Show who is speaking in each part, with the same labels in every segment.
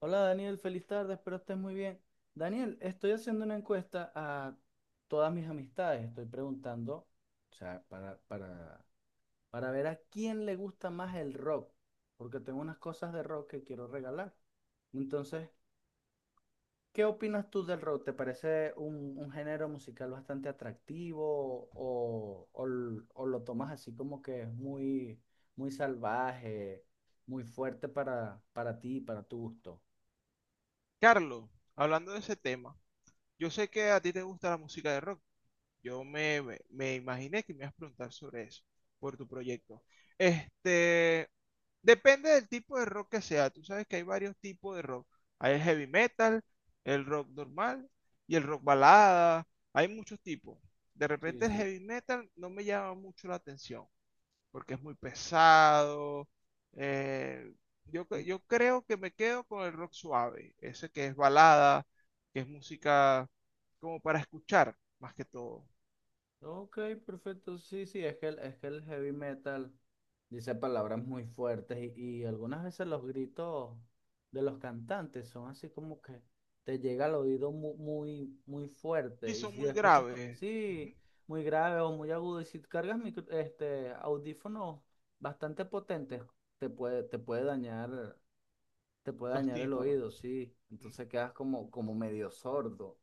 Speaker 1: Hola Daniel, feliz tarde, espero estés muy bien. Daniel, estoy haciendo una encuesta a todas mis amistades, estoy preguntando, o sea, para ver a quién le gusta más el rock, porque tengo unas cosas de rock que quiero regalar. Entonces, ¿qué opinas tú del rock? ¿Te parece un género musical bastante atractivo o lo tomas así como que es muy, muy salvaje, muy fuerte para ti, para tu gusto?
Speaker 2: Carlos, hablando de ese tema, yo sé que a ti te gusta la música de rock. Yo me imaginé que me ibas a preguntar sobre eso, por tu proyecto. Este, Depende del tipo de rock que sea. Tú sabes que hay varios tipos de rock. Hay el heavy metal, el rock normal y el rock balada. Hay muchos tipos. De
Speaker 1: Sí,
Speaker 2: repente el
Speaker 1: sí.
Speaker 2: heavy metal no me llama mucho la atención porque es muy pesado. eh, yo creo que me quedo con el rock suave, ese que es balada, que es música como para escuchar, más que todo.
Speaker 1: Ok, perfecto. Sí, sí, es que el heavy metal dice palabras muy fuertes y algunas veces los gritos de los cantantes son así como que te llega al oído muy, muy, muy
Speaker 2: Sí,
Speaker 1: fuerte. Y
Speaker 2: son
Speaker 1: si
Speaker 2: muy
Speaker 1: escuchas,
Speaker 2: graves,
Speaker 1: sí,
Speaker 2: ujú,
Speaker 1: muy grave o muy agudo, y si cargas audífonos bastante potentes, te puede, te puede dañar, te puede
Speaker 2: los
Speaker 1: dañar el
Speaker 2: tímpanos.
Speaker 1: oído, sí.
Speaker 2: Mm.
Speaker 1: Entonces quedas como medio sordo.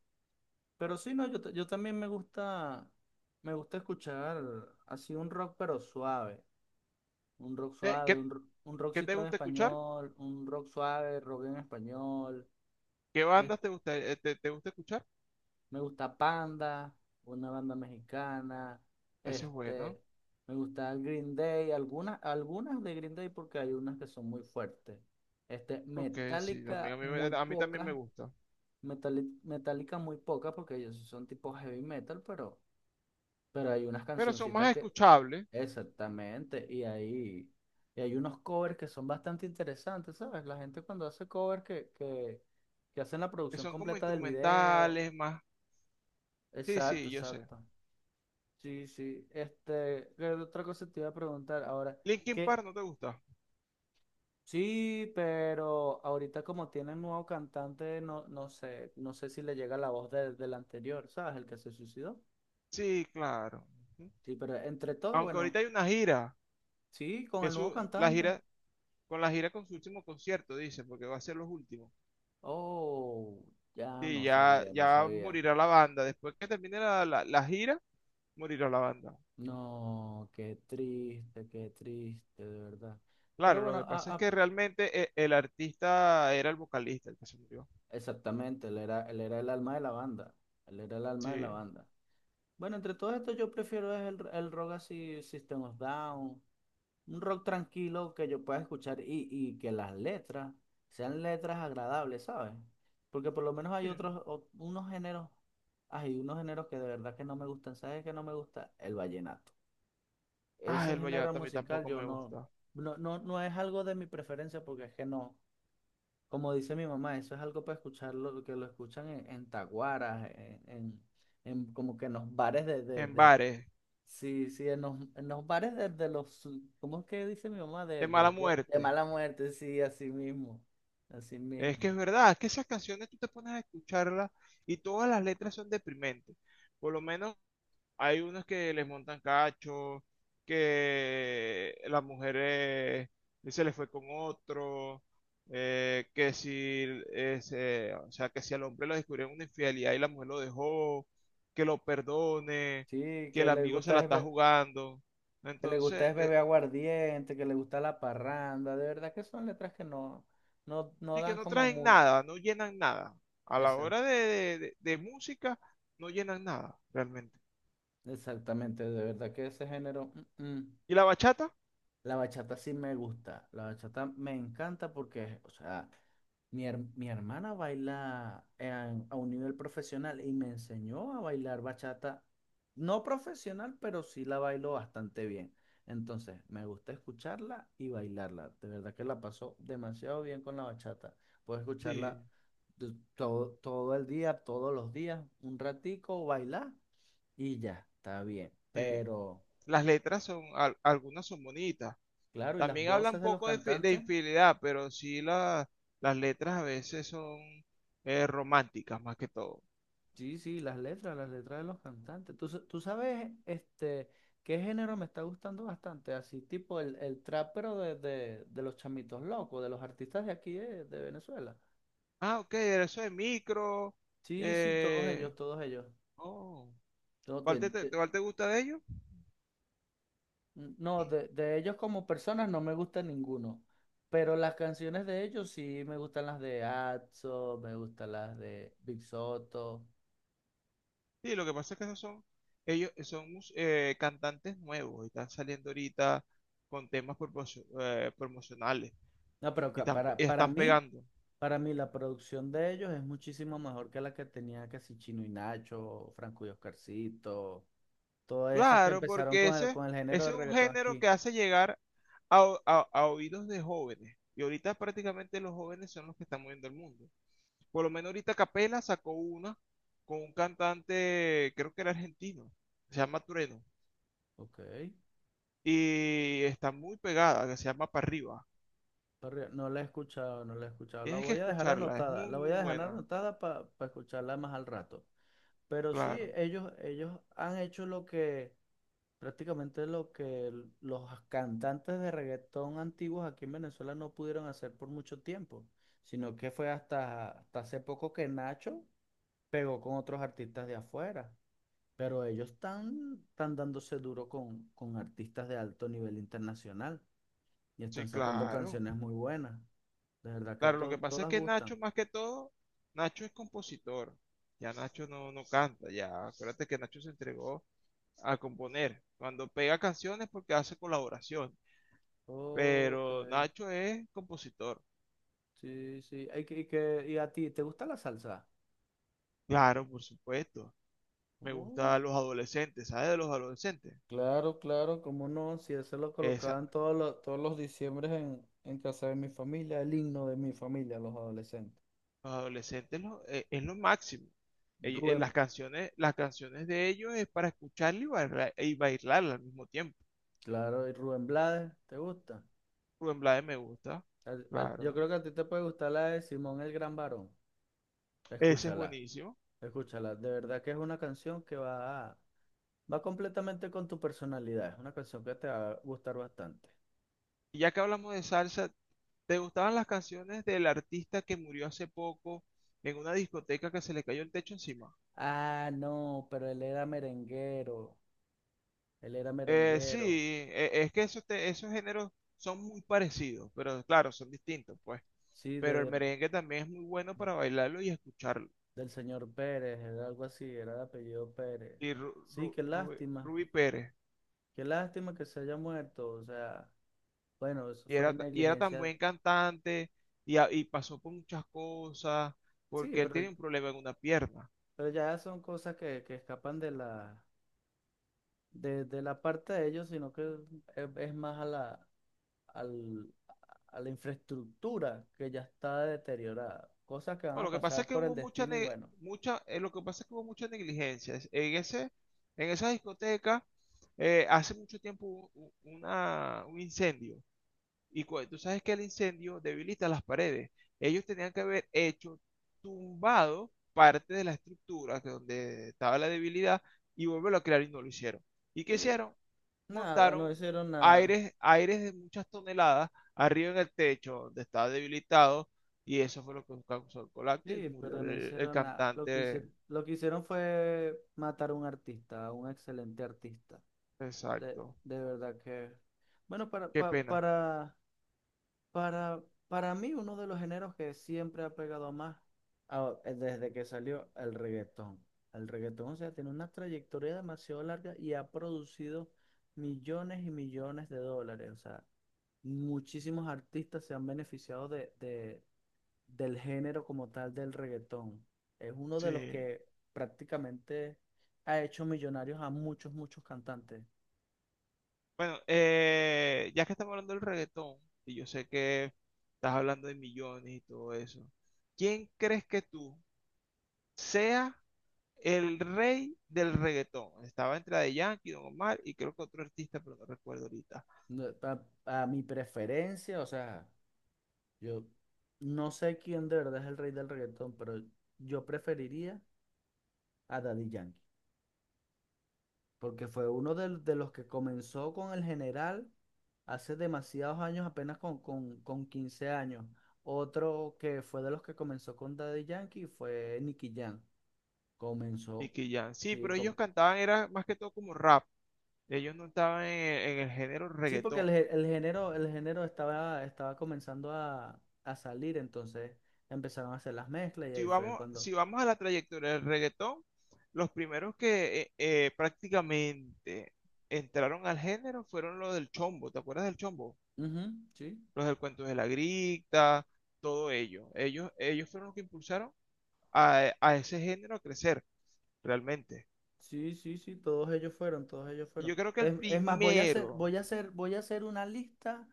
Speaker 1: Pero sí, no, yo también me gusta escuchar así un rock pero suave, un rock
Speaker 2: Eh,
Speaker 1: suave,
Speaker 2: ¿Qué,
Speaker 1: un
Speaker 2: qué te
Speaker 1: rockcito en
Speaker 2: gusta escuchar?
Speaker 1: español, un rock suave, rock en español.
Speaker 2: ¿Qué
Speaker 1: eh,
Speaker 2: bandas te gusta, te, te gusta escuchar?
Speaker 1: Me gusta Panda, una banda mexicana,
Speaker 2: Ese es bueno.
Speaker 1: este, me gusta Green Day, algunas de Green Day porque hay unas que son muy fuertes. Este,
Speaker 2: Ok, sí, también
Speaker 1: Metallica
Speaker 2: a mí,
Speaker 1: muy
Speaker 2: me- a mí también me
Speaker 1: pocas,
Speaker 2: gusta.
Speaker 1: Metallica muy pocas porque ellos sí son tipo heavy metal, pero... Pero hay unas
Speaker 2: Pero son
Speaker 1: cancioncitas
Speaker 2: más
Speaker 1: que
Speaker 2: escuchables,
Speaker 1: exactamente, y ahí y hay unos covers que son bastante interesantes, ¿sabes? La gente cuando hace covers que hacen la
Speaker 2: que
Speaker 1: producción
Speaker 2: son como
Speaker 1: completa del video.
Speaker 2: instrumentales, más. Sí,
Speaker 1: Exacto,
Speaker 2: sí, yo sé.
Speaker 1: exacto. Sí, sí. Este, ¿qué otra cosa te iba a preguntar ahora?
Speaker 2: Linkin
Speaker 1: Que
Speaker 2: Park no te gusta.
Speaker 1: sí, pero ahorita como tienen nuevo cantante, no, no sé, no sé si le llega la voz del anterior, ¿sabes? El que se suicidó.
Speaker 2: Sí, claro.
Speaker 1: Sí, pero entre todo,
Speaker 2: Aunque
Speaker 1: bueno,
Speaker 2: ahorita hay una gira,
Speaker 1: sí, con
Speaker 2: que
Speaker 1: el
Speaker 2: es
Speaker 1: nuevo
Speaker 2: la
Speaker 1: cantante.
Speaker 2: gira, con la gira con su último concierto, dice, porque va a ser los últimos.
Speaker 1: Oh, ya
Speaker 2: Sí,
Speaker 1: no
Speaker 2: ya,
Speaker 1: sabía, no
Speaker 2: ya
Speaker 1: sabía.
Speaker 2: morirá la banda. Después que termine la gira, morirá la banda.
Speaker 1: No, qué triste, de verdad. Pero
Speaker 2: Claro, lo
Speaker 1: bueno,
Speaker 2: que pasa es que realmente el artista era el vocalista el que se murió.
Speaker 1: exactamente, él era el alma de la banda. Él era el alma de la
Speaker 2: Sí,
Speaker 1: banda. Bueno, entre todo esto yo prefiero es el rock así, System of Down, un rock tranquilo que yo pueda escuchar y que las letras sean letras agradables, ¿sabes? Porque por lo menos hay
Speaker 2: sí.
Speaker 1: unos géneros, hay unos géneros que de verdad que no me gustan. ¿Sabes qué no me gusta? El vallenato.
Speaker 2: Ah,
Speaker 1: Ese
Speaker 2: el
Speaker 1: género
Speaker 2: vallenato a mí
Speaker 1: musical
Speaker 2: tampoco
Speaker 1: yo
Speaker 2: me
Speaker 1: no,
Speaker 2: gusta.
Speaker 1: no, no, no es algo de mi preferencia porque es que no, como dice mi mamá, eso es algo para escucharlo, que lo escuchan en, en como que en los bares
Speaker 2: En bares,
Speaker 1: sí, sí, en los bares de los, ¿cómo es que dice mi mamá?
Speaker 2: de mala
Speaker 1: De
Speaker 2: muerte.
Speaker 1: mala muerte, sí, así mismo, así
Speaker 2: Es que
Speaker 1: mismo.
Speaker 2: es verdad, es que esas canciones tú te pones a escucharlas y todas las letras son deprimentes. Por lo menos hay unos que les montan cacho, que las mujeres se les fue con otro, que si ese, o sea, que si al hombre lo descubrieron una infidelidad y la mujer lo dejó, que lo perdone,
Speaker 1: Sí,
Speaker 2: que el amigo se la está jugando.
Speaker 1: que le gusta
Speaker 2: Entonces,
Speaker 1: es beber aguardiente, que le gusta la parranda, de verdad que son letras que no, no, no
Speaker 2: y que
Speaker 1: dan
Speaker 2: no
Speaker 1: como
Speaker 2: traen
Speaker 1: muy,
Speaker 2: nada, no llenan nada. A la hora de música, no llenan nada, realmente.
Speaker 1: exactamente, de verdad que ese género, mm, mm.
Speaker 2: ¿Y la bachata?
Speaker 1: La bachata sí me gusta, la bachata me encanta porque, o sea, mi hermana baila a un nivel profesional y me enseñó a bailar bachata, no profesional, pero sí la bailo bastante bien. Entonces, me gusta escucharla y bailarla. De verdad que la paso demasiado bien con la bachata. Puedo
Speaker 2: Sí,
Speaker 1: escucharla todo, todo el día, todos los días, un ratico, bailar y ya, está bien,
Speaker 2: sí.
Speaker 1: pero...
Speaker 2: Las letras son, algunas son bonitas.
Speaker 1: Claro, y las
Speaker 2: También habla un
Speaker 1: voces de los
Speaker 2: poco de, de
Speaker 1: cantantes.
Speaker 2: infidelidad, pero sí las letras a veces son románticas más que todo.
Speaker 1: Sí, sí, las letras de los cantantes. Tú, tú sabes, este, qué género me está gustando bastante, así tipo el trap, pero de los chamitos locos, de los artistas de aquí de Venezuela.
Speaker 2: Ah, ok, eso de micro.
Speaker 1: Sí, sí, todos ellos,
Speaker 2: eh,
Speaker 1: todos ellos.
Speaker 2: oh,
Speaker 1: No,
Speaker 2: ¿Cuál
Speaker 1: de,
Speaker 2: te,
Speaker 1: de-
Speaker 2: cuál te gusta de ellos?
Speaker 1: no, de ellos como personas no me gusta ninguno, pero las canciones de ellos sí me gustan las de Atzo, me gustan las de Big Soto.
Speaker 2: Sí, lo que pasa es que esos son, ellos son cantantes nuevos y están saliendo ahorita con temas promocionales
Speaker 1: No, pero
Speaker 2: y
Speaker 1: ca-
Speaker 2: y
Speaker 1: para
Speaker 2: están
Speaker 1: mí...
Speaker 2: pegando.
Speaker 1: Para mí la producción de ellos es muchísimo mejor que la que tenía casi Chino y Nacho, Franco y Oscarcito, todos esos que
Speaker 2: Claro,
Speaker 1: empezaron
Speaker 2: porque
Speaker 1: con
Speaker 2: ese,
Speaker 1: con el género
Speaker 2: ese
Speaker 1: de
Speaker 2: es un
Speaker 1: reggaetón
Speaker 2: género
Speaker 1: aquí.
Speaker 2: que hace llegar a oídos de jóvenes. Y ahorita prácticamente los jóvenes son los que están moviendo el mundo. Por lo menos ahorita Capela sacó una con un cantante, creo que era argentino, se llama Trueno.
Speaker 1: Ok,
Speaker 2: Y está muy pegada, que se llama Para Arriba.
Speaker 1: pero no la he escuchado, no la he escuchado. La
Speaker 2: Tienes que
Speaker 1: voy a dejar
Speaker 2: escucharla, es
Speaker 1: anotada,
Speaker 2: muy,
Speaker 1: la voy
Speaker 2: muy
Speaker 1: a dejar
Speaker 2: buena.
Speaker 1: anotada para escucharla más al rato. Pero sí,
Speaker 2: Claro,
Speaker 1: ellos han hecho lo que prácticamente lo que los cantantes de reggaetón antiguos aquí en Venezuela no pudieron hacer por mucho tiempo, sino que fue hasta hace poco que Nacho pegó con otros artistas de afuera, pero ellos están, están dándose duro con artistas de alto nivel internacional y están
Speaker 2: sí,
Speaker 1: sacando
Speaker 2: claro.
Speaker 1: canciones muy buenas. De verdad que
Speaker 2: Claro, lo que pasa es
Speaker 1: todas
Speaker 2: que
Speaker 1: gustan.
Speaker 2: Nacho, más que todo, Nacho es compositor. Ya Nacho no, no canta, ya. Acuérdate que Nacho se entregó a componer. Cuando pega canciones porque hace colaboración.
Speaker 1: Ok,
Speaker 2: Pero Nacho es compositor.
Speaker 1: sí, sí. Ay, ¿Y a ti te gusta la salsa?
Speaker 2: Claro, por supuesto. Me gustan los adolescentes. ¿Sabes de los adolescentes?
Speaker 1: Claro, claro, cómo no, si eso lo
Speaker 2: Esa-
Speaker 1: colocaban todos los diciembres en casa de mi familia, el himno de mi familia, los adolescentes.
Speaker 2: los adolescentes es lo máximo.
Speaker 1: Rubén,
Speaker 2: Las canciones, las canciones de ellos es para escucharla y bailar, y bailarla al mismo tiempo.
Speaker 1: claro, y Rubén Blades, ¿te gusta?
Speaker 2: Rubén Blades me gusta.
Speaker 1: Yo
Speaker 2: Claro.
Speaker 1: creo que a ti te puede gustar la de Simón el Gran Varón.
Speaker 2: Ese es
Speaker 1: Escúchala,
Speaker 2: buenísimo.
Speaker 1: escúchala. De verdad que es una canción que va, va completamente con tu personalidad. Es una canción que te va a gustar bastante.
Speaker 2: Y ya que hablamos de salsa, ¿te gustaban las canciones del artista que murió hace poco en una discoteca que se le cayó el techo encima?
Speaker 1: Ah, no, pero él era merenguero. Él era
Speaker 2: Sí,
Speaker 1: merenguero.
Speaker 2: es que esos, esos géneros son muy parecidos, pero claro, son distintos, pues.
Speaker 1: Sí,
Speaker 2: Pero el
Speaker 1: de,
Speaker 2: merengue también es muy bueno para bailarlo y escucharlo.
Speaker 1: del señor Pérez, era algo así, era el apellido Pérez.
Speaker 2: Y
Speaker 1: Sí,
Speaker 2: Rubí Pérez,
Speaker 1: qué lástima que se haya muerto, o sea, bueno, eso
Speaker 2: y
Speaker 1: fue
Speaker 2: y era tan
Speaker 1: negligencia,
Speaker 2: buen cantante y, y pasó por muchas cosas,
Speaker 1: sí,
Speaker 2: porque él tiene un problema en una pierna.
Speaker 1: pero ya son cosas que escapan de la parte de ellos, sino que es más a la, al- a la infraestructura que ya está deteriorada, cosas que van
Speaker 2: No,
Speaker 1: a
Speaker 2: lo que pasa es
Speaker 1: pasar
Speaker 2: que
Speaker 1: por el
Speaker 2: hubo mucha,
Speaker 1: destino y
Speaker 2: ne-
Speaker 1: bueno,
Speaker 2: mucha, lo que pasa es que hubo mucha negligencia. En ese, en esa discoteca, hace mucho tiempo hubo una, un incendio y tú sabes que el incendio debilita las paredes. Ellos tenían que haber hecho tumbado parte de la estructura que donde estaba la debilidad y volverlo a crear y no lo hicieron. ¿Y qué
Speaker 1: sí,
Speaker 2: hicieron?
Speaker 1: nada,
Speaker 2: Montaron
Speaker 1: no
Speaker 2: un
Speaker 1: hicieron nada.
Speaker 2: aires, aires de muchas toneladas arriba en el techo donde estaba debilitado y eso fue lo que causó el colapso y
Speaker 1: Sí,
Speaker 2: murió
Speaker 1: pero no
Speaker 2: el
Speaker 1: hicieron nada.
Speaker 2: cantante.
Speaker 1: Lo que hicieron fue matar a un artista, a un excelente artista. De,
Speaker 2: Exacto.
Speaker 1: de verdad que... Bueno, para,
Speaker 2: Qué
Speaker 1: pa-
Speaker 2: pena.
Speaker 1: para mí uno de los géneros que siempre ha pegado más desde que salió el reggaetón. El reggaetón, o sea, tiene una trayectoria demasiado larga y ha producido millones y millones de dólares. O sea, muchísimos artistas se han beneficiado del género como tal del reggaetón. Es uno de los
Speaker 2: Sí.
Speaker 1: que prácticamente ha hecho millonarios a muchos, muchos cantantes.
Speaker 2: Bueno, ya que estamos hablando del reggaetón, y yo sé que estás hablando de millones y todo eso, ¿quién crees que tú sea el rey del reggaetón? Estaba entre de Yankee, Don Omar y creo que otro artista, pero no recuerdo ahorita.
Speaker 1: No, A, mi preferencia, o sea, yo no sé quién de verdad es el rey del reggaetón, pero yo preferiría a Daddy Yankee, porque fue uno los que comenzó con el general hace demasiados años, apenas con 15 años. Otro que fue de los que comenzó con Daddy Yankee fue Nicky Jam. Comenzó.
Speaker 2: Nicky Jam. Sí,
Speaker 1: Sí,
Speaker 2: pero ellos cantaban, era más que todo como rap. Ellos no estaban en el género
Speaker 1: sí, porque el,
Speaker 2: reggaetón.
Speaker 1: el género estaba, estaba comenzando a salir, entonces empezaron a hacer las mezclas y
Speaker 2: si
Speaker 1: ahí fue
Speaker 2: vamos,
Speaker 1: cuando.
Speaker 2: si vamos a la trayectoria del reggaetón, los primeros que prácticamente entraron al género fueron los del chombo, ¿te acuerdas del chombo?
Speaker 1: Ujú, sí,
Speaker 2: Los del cuento de la grita, todo ello. Ellos fueron los que impulsaron a ese género a crecer, realmente.
Speaker 1: sí, sí, sí, todos ellos fueron, todos ellos
Speaker 2: Y
Speaker 1: fueron.
Speaker 2: yo creo que el
Speaker 1: Es más,
Speaker 2: primero,
Speaker 1: voy a hacer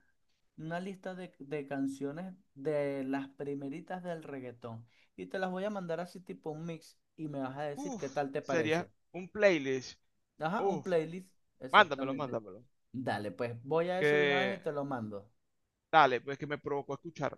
Speaker 1: una lista de canciones de las primeritas del reggaetón. Y te las voy a mandar así tipo un mix y me vas a decir
Speaker 2: uff,
Speaker 1: qué tal te
Speaker 2: sería
Speaker 1: parece.
Speaker 2: un playlist.
Speaker 1: Ajá, un
Speaker 2: Uff,
Speaker 1: playlist,
Speaker 2: mándamelo,
Speaker 1: exactamente.
Speaker 2: mándamelo.
Speaker 1: Dale, pues voy a eso de una vez
Speaker 2: Que
Speaker 1: y te lo mando.
Speaker 2: dale, pues que me provocó a escuchar.